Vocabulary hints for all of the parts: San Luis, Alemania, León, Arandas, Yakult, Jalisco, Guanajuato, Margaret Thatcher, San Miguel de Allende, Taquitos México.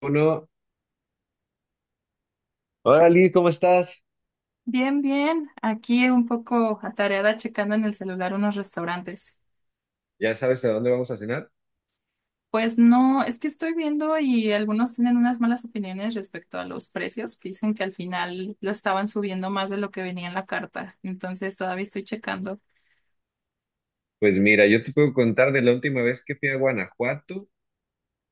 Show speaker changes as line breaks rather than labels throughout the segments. Uno, hola Lee, ¿cómo estás?
Bien, bien. Aquí un poco atareada checando en el celular unos restaurantes.
¿Ya sabes a dónde vamos a cenar?
Pues no, es que estoy viendo y algunos tienen unas malas opiniones respecto a los precios, que dicen que al final lo estaban subiendo más de lo que venía en la carta. Entonces todavía estoy checando.
Pues mira, yo te puedo contar de la última vez que fui a Guanajuato,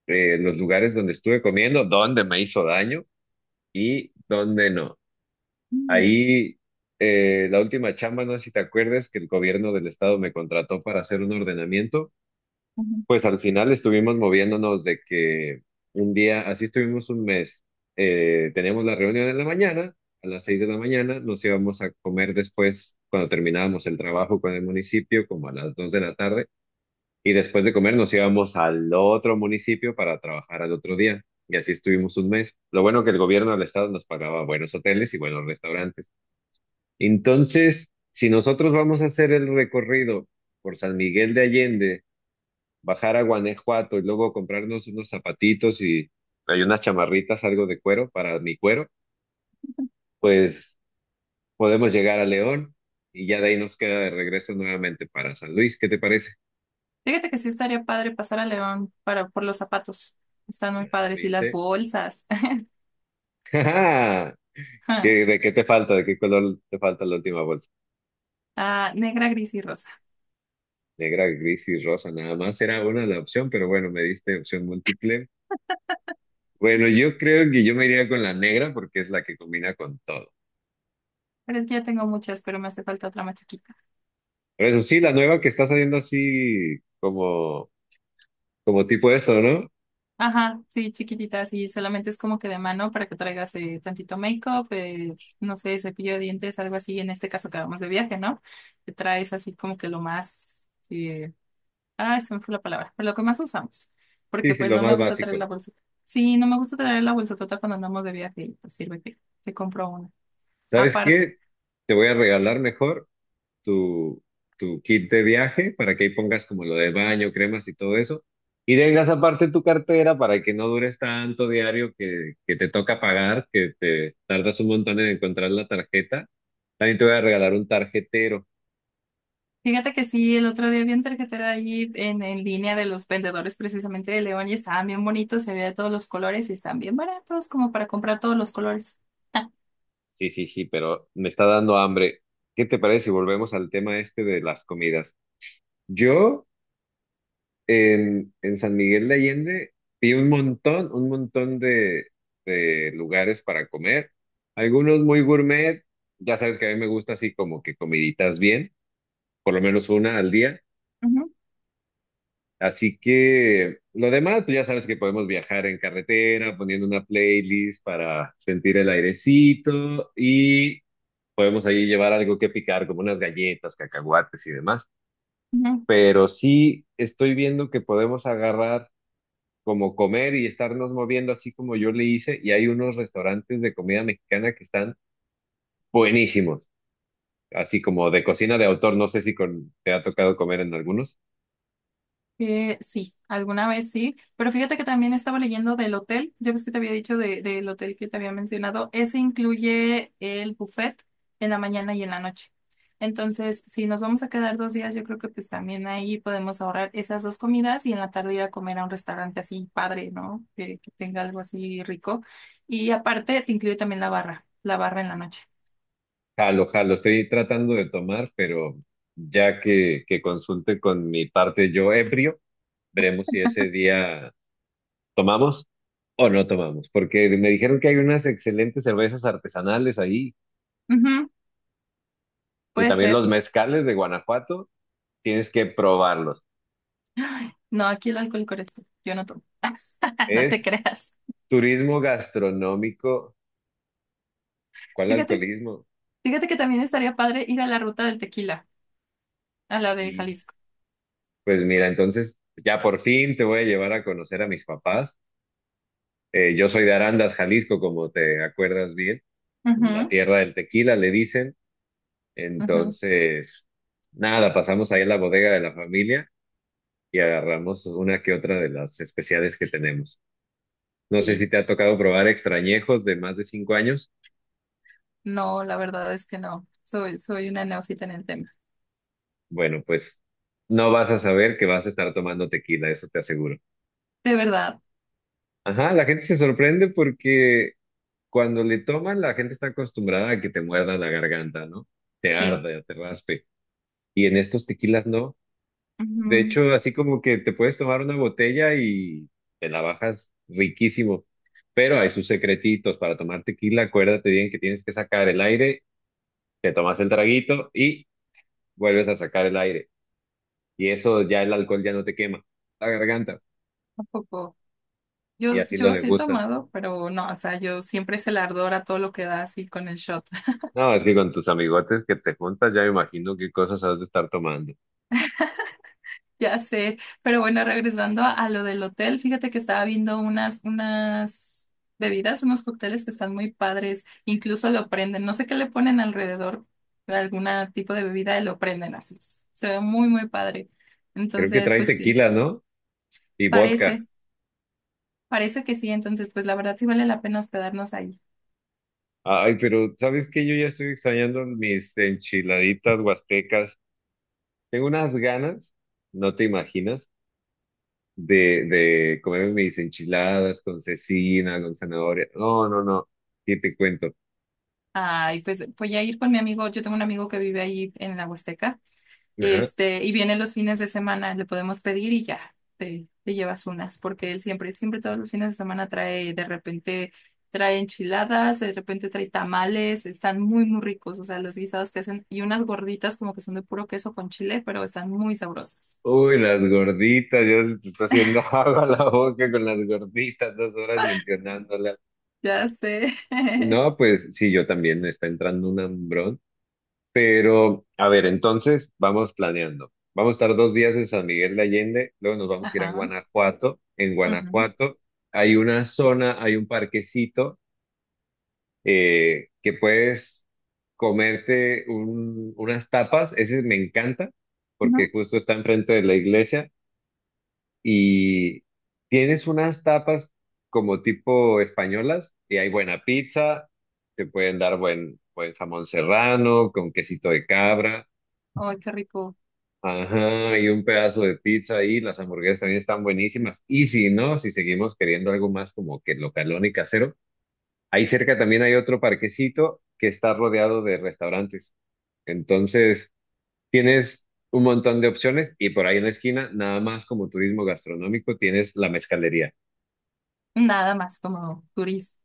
los lugares donde estuve comiendo, donde me hizo daño y donde no.
Mm,
Ahí, la última chamba, no sé si te acuerdas, que el gobierno del estado me contrató para hacer un ordenamiento.
ujú.
Pues al final estuvimos moviéndonos de que un día, así estuvimos un mes, teníamos la reunión en la mañana, a las 6 de la mañana, nos íbamos a comer después, cuando terminábamos el trabajo con el municipio, como a las 2 de la tarde, y después de comer nos íbamos al otro municipio para trabajar al otro día, y así estuvimos un mes. Lo bueno que el gobierno del estado nos pagaba buenos hoteles y buenos restaurantes. Entonces, si nosotros vamos a hacer el recorrido por San Miguel de Allende, bajar a Guanajuato y luego comprarnos unos zapatitos y hay unas chamarritas, algo de cuero para mi cuero, pues podemos llegar a León y ya de ahí nos queda de regreso nuevamente para San Luis. ¿Qué te parece?
Fíjate que sí estaría padre pasar a León para, por los zapatos. Están muy padres y las
¿Viste?
bolsas.
¡Ja! ¿Qué, de qué te falta? ¿De qué color te falta la última bolsa?
Ah, negra, gris y rosa.
Negra, gris y rosa, nada más era una la opción, pero bueno, me diste opción múltiple. Bueno, yo creo que yo me iría con la negra porque es la que combina con todo.
Pero es que ya tengo muchas, pero me hace falta otra más chiquita.
Pero eso sí, la nueva que está saliendo así como, como tipo esto, ¿no?
Ajá, sí, chiquititas y solamente es como que de mano para que traigas tantito make-up, no sé, cepillo de dientes, algo así, en este caso que vamos de viaje, ¿no? Te traes así como que lo más, sí, ay, se me fue la palabra, pero lo que más usamos,
Sí,
porque
sí,
pues
lo
no me
más
gusta traer la
básico.
bolsita. Sí, no me gusta traer la bolsotota cuando andamos de viaje y pues sirve que te compro una.
¿Sabes qué? Te voy a regalar mejor tu, tu kit de viaje para que ahí pongas como lo de baño, cremas y todo eso. Y tengas aparte tu cartera para que no dures tanto diario que te toca pagar, que te tardas un montón en encontrar la tarjeta. También te voy a regalar un tarjetero.
Fíjate que sí, el otro día vi un tarjetero ahí en línea de los vendedores precisamente de León y estaban bien bonitos, se veía de todos los colores y están bien baratos como para comprar todos los colores. Ah,
Sí, sí, sí, pero me está dando hambre. ¿Qué te parece si volvemos al tema este de las comidas? Yo... en San Miguel de Allende vi un montón de lugares para comer. Algunos muy gourmet, ya sabes que a mí me gusta así como que comiditas bien, por lo menos una al día.
ujú,
Así que lo demás, pues ya sabes que podemos viajar en carretera, poniendo una playlist para sentir el airecito y podemos ahí llevar algo que picar, como unas galletas, cacahuates y demás.
ujú.
Pero sí estoy viendo que podemos agarrar como comer y estarnos moviendo así como yo le hice. Y hay unos restaurantes de comida mexicana que están buenísimos, así como de cocina de autor. No sé si con, te ha tocado comer en algunos.
Sí, alguna vez sí, pero fíjate que también estaba leyendo del hotel, ya ves que te había dicho del hotel que te había mencionado, ese incluye el buffet en la mañana y en la noche. Entonces, si nos vamos a quedar dos días, yo creo que pues también ahí podemos ahorrar esas dos comidas y en la tarde ir a comer a un restaurante así padre, ¿no? Que tenga algo así rico. Y aparte te incluye también la barra en la noche.
Jalo, jalo, estoy tratando de tomar, pero ya que consulte con mi parte yo ebrio, veremos si ese día tomamos o no tomamos, porque me dijeron que hay unas excelentes cervezas artesanales ahí
Ujú,
y
puede
también
ser.
los mezcales de Guanajuato, tienes que probarlos.
Ay, no, aquí el alcohólico eres tú, yo no tomo. No te
Es
creas.
turismo gastronómico, ¿cuál
Fíjate
alcoholismo?
Fíjate que también estaría padre ir a la ruta del tequila, a la de
Y
Jalisco.
pues mira, entonces ya por fin te voy a llevar a conocer a mis papás. Yo soy de Arandas, Jalisco, como te acuerdas bien, la
Ujú,
tierra del tequila, le dicen.
ujú.
Entonces, nada, pasamos ahí a la bodega de la familia y agarramos una que otra de las especiales que tenemos. No sé
Y
si te ha tocado probar extrañejos de más de 5 años.
no, la verdad es que no. Soy una neófita en el tema.
Bueno, pues no vas a saber que vas a estar tomando tequila, eso te aseguro.
De verdad,
Ajá, la gente se sorprende porque cuando le toman, la gente está acostumbrada a que te muerda la garganta, ¿no? Te
sí,
arde, te raspe. Y en estos tequilas no. De
ujú,
hecho, así como que te puedes tomar una botella y te la bajas riquísimo. Pero hay sus secretitos para tomar tequila. Acuérdate bien que tienes que sacar el aire, te tomas el traguito y vuelves a sacar el aire. Y eso ya el alcohol ya no te quema la garganta.
tampoco.
Y
Yo,
así lo
yo sí he
degustas.
tomado, pero no, o sea, yo siempre es el ardor a todo lo que da así con el shot.
No, es que con tus amigotes que te juntas, ya me imagino qué cosas has de estar tomando.
Ya sé, pero bueno, regresando a lo del hotel, fíjate que estaba viendo unas bebidas, unos cócteles que están muy padres, incluso lo prenden, no sé qué le ponen alrededor de algún tipo de bebida, y lo prenden así, se ve muy, muy padre.
Creo que
Entonces,
trae
pues sí,
tequila, ¿no? Y vodka.
parece, parece que sí, entonces, pues la verdad sí vale la pena hospedarnos ahí.
Ay, pero ¿sabes qué? Yo ya estoy extrañando mis enchiladitas huastecas. Tengo unas ganas, no te imaginas, de comer mis enchiladas con cecina, con zanahoria. No, no, no. ¿Qué te cuento?
Ay, pues voy a ir con mi amigo, yo tengo un amigo que vive ahí en la Huasteca.
Ajá.
Este, y vienen los fines de semana, le podemos pedir y ya, te llevas unas, porque él siempre, siempre todos los fines de semana trae, de repente trae enchiladas, de repente trae tamales, están muy, muy ricos, o sea, los guisados que hacen, y unas gorditas como que son de puro queso con chile, pero están muy sabrosas.
Uy, las gorditas, ya se te está haciendo agua la boca con las gorditas, 2 horas mencionándolas.
Ya sé.
No, pues sí, yo también me está entrando un hambrón. Pero, a ver, entonces vamos planeando. Vamos a estar 2 días en San Miguel de Allende, luego nos vamos a ir a
Ajá,
Guanajuato. En
ujú,
Guanajuato hay una zona, hay un parquecito que puedes comerte unas tapas. Ese me encanta porque
ujú.
justo está enfrente de la iglesia y tienes unas tapas como tipo españolas y hay buena pizza, te pueden dar buen, buen jamón serrano con quesito de cabra.
Ay, qué rico.
Ajá, y un pedazo de pizza ahí, las hamburguesas también están buenísimas. Y si no, si seguimos queriendo algo más como que localón y casero, ahí cerca también hay otro parquecito que está rodeado de restaurantes. Entonces, tienes un montón de opciones y por ahí en la esquina, nada más como turismo gastronómico, tienes la mezcalería.
Nada más como turismo.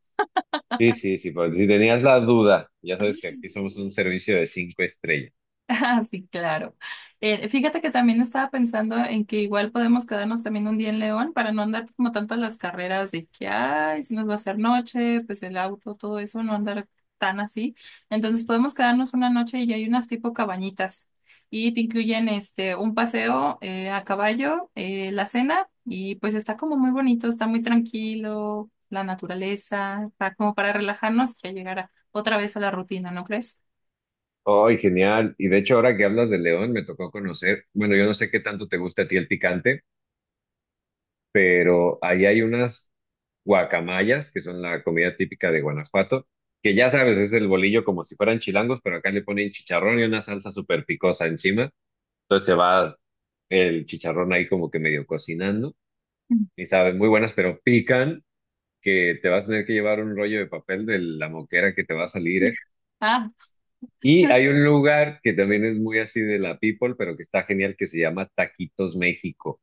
Sí, sí, sí, por si tenías la duda, ya sabes que aquí somos un servicio de 5 estrellas.
Ah, sí, claro. Fíjate que también estaba pensando en que igual podemos quedarnos también un día en León para no andar como tanto a las carreras de que, ay, si nos va a hacer noche, pues el auto, todo eso, no andar tan así. Entonces podemos quedarnos una noche y hay unas tipo cabañitas y te incluyen este un paseo a caballo, la cena y pues está como muy bonito, está muy tranquilo, la naturaleza, para, como para relajarnos y ya otra vez a la rutina, ¿no crees?
¡Ay, genial! Y de hecho, ahora que hablas de León, me tocó conocer, bueno, yo no sé qué tanto te gusta a ti el picante, pero ahí hay unas guacamayas, que son la comida típica de Guanajuato, que ya sabes, es el bolillo como si fueran chilangos, pero acá le ponen chicharrón y una salsa súper picosa encima. Entonces se va el chicharrón ahí como que medio cocinando
Mm.
y saben muy buenas, pero pican, que te vas a tener que llevar un rollo de papel de la moquera que te va a salir, ¿eh?
Ah,
Y hay un lugar que también es muy así de la people, pero que está genial, que se llama Taquitos México.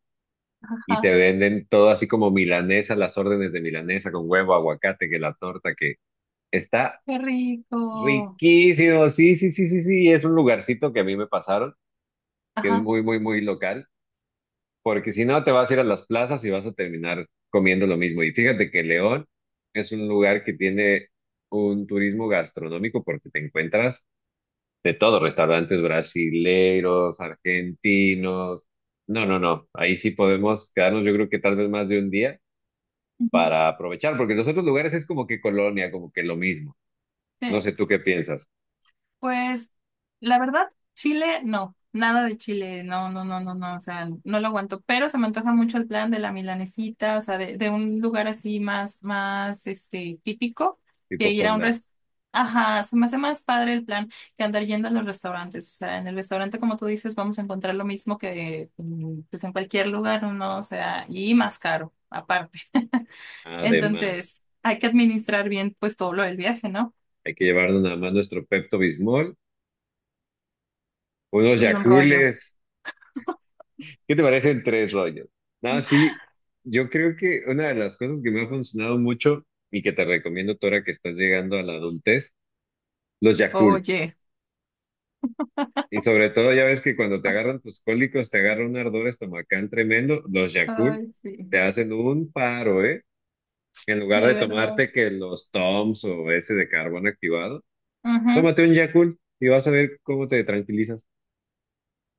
Y te
ajá.
venden todo así como milanesa, las órdenes de milanesa con huevo, aguacate, que la torta, que está
Qué rico.
riquísimo. Sí, sí, sí, sí, sí, es un lugarcito que a mí me pasaron, que es
Ajá.
muy, muy, muy local, porque si no te vas a ir a las plazas y vas a terminar comiendo lo mismo. Y fíjate que León es un lugar que tiene un turismo gastronómico porque te encuentras de todo, restaurantes brasileros, argentinos. No, no, no. Ahí sí podemos quedarnos, yo creo que tal vez más de un día
Ujú.
para aprovechar, porque los otros lugares es como que colonia, como que lo mismo. No
Sí.
sé tú qué piensas,
Pues la verdad, chile, no, nada de chile, no, no, no, no, no, o sea, no lo aguanto, pero se me antoja mucho el plan de la milanesita, o sea, de un lugar así más, más, este, típico, de
tipo
ir a un
fonda.
restaurante. Ajá, se me hace más padre el plan que andar yendo a los restaurantes, o sea, en el restaurante, como tú dices, vamos a encontrar lo mismo que, mm, pues, en cualquier lugar, ¿no? O sea, y más caro, aparte.
Además,
Entonces, hay que administrar bien pues todo lo del viaje, ¿no?
hay que llevarnos nada más nuestro Pepto Bismol, unos
Y un rollo.
Yacules. ¿Qué te parecen tres rollos? No, sí, yo creo que una de las cosas que me ha funcionado mucho y que te recomiendo, Tora, que estás llegando a la adultez, los Yakul.
Oye.
Y sobre todo, ya ves que cuando te agarran tus cólicos, te agarra un ardor estomacal tremendo, los Yakul
Ay,
te
sí,
hacen un paro, ¿eh? En lugar
de
de
verdad.
tomarte que los Toms o ese de carbón activado,
Ujú.
tómate un Yakult y vas a ver cómo te tranquilizas.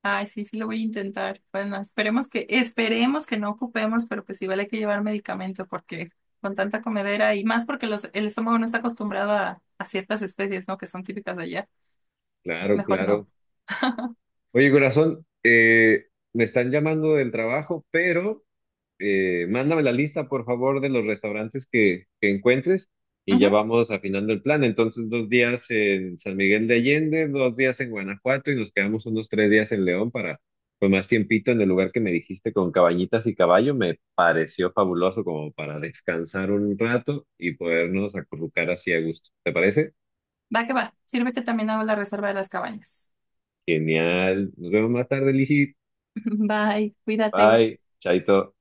Ay, sí, sí lo voy a intentar. Bueno, esperemos que no ocupemos, pero pues igual hay que llevar medicamento porque con tanta comedera y más porque los, el estómago no está acostumbrado a ciertas especies, ¿no? Que son típicas de allá.
Claro,
Mejor
claro.
no.
Oye, corazón, me están llamando del trabajo, pero mándame la lista, por favor, de los restaurantes que encuentres y ya
Ujú.
vamos afinando el plan. Entonces, 2 días en San Miguel de Allende, 2 días en Guanajuato y nos quedamos unos 3 días en León para, pues, más tiempito en el lugar que me dijiste con cabañitas y caballo. Me pareció fabuloso como para descansar un rato y podernos acurrucar así a gusto. ¿Te parece?
Va que va. Sirve que también hago la reserva de las cabañas.
Genial. Nos vemos más tarde, Lizzy.
Bye, cuídate.
Bye. Chaito.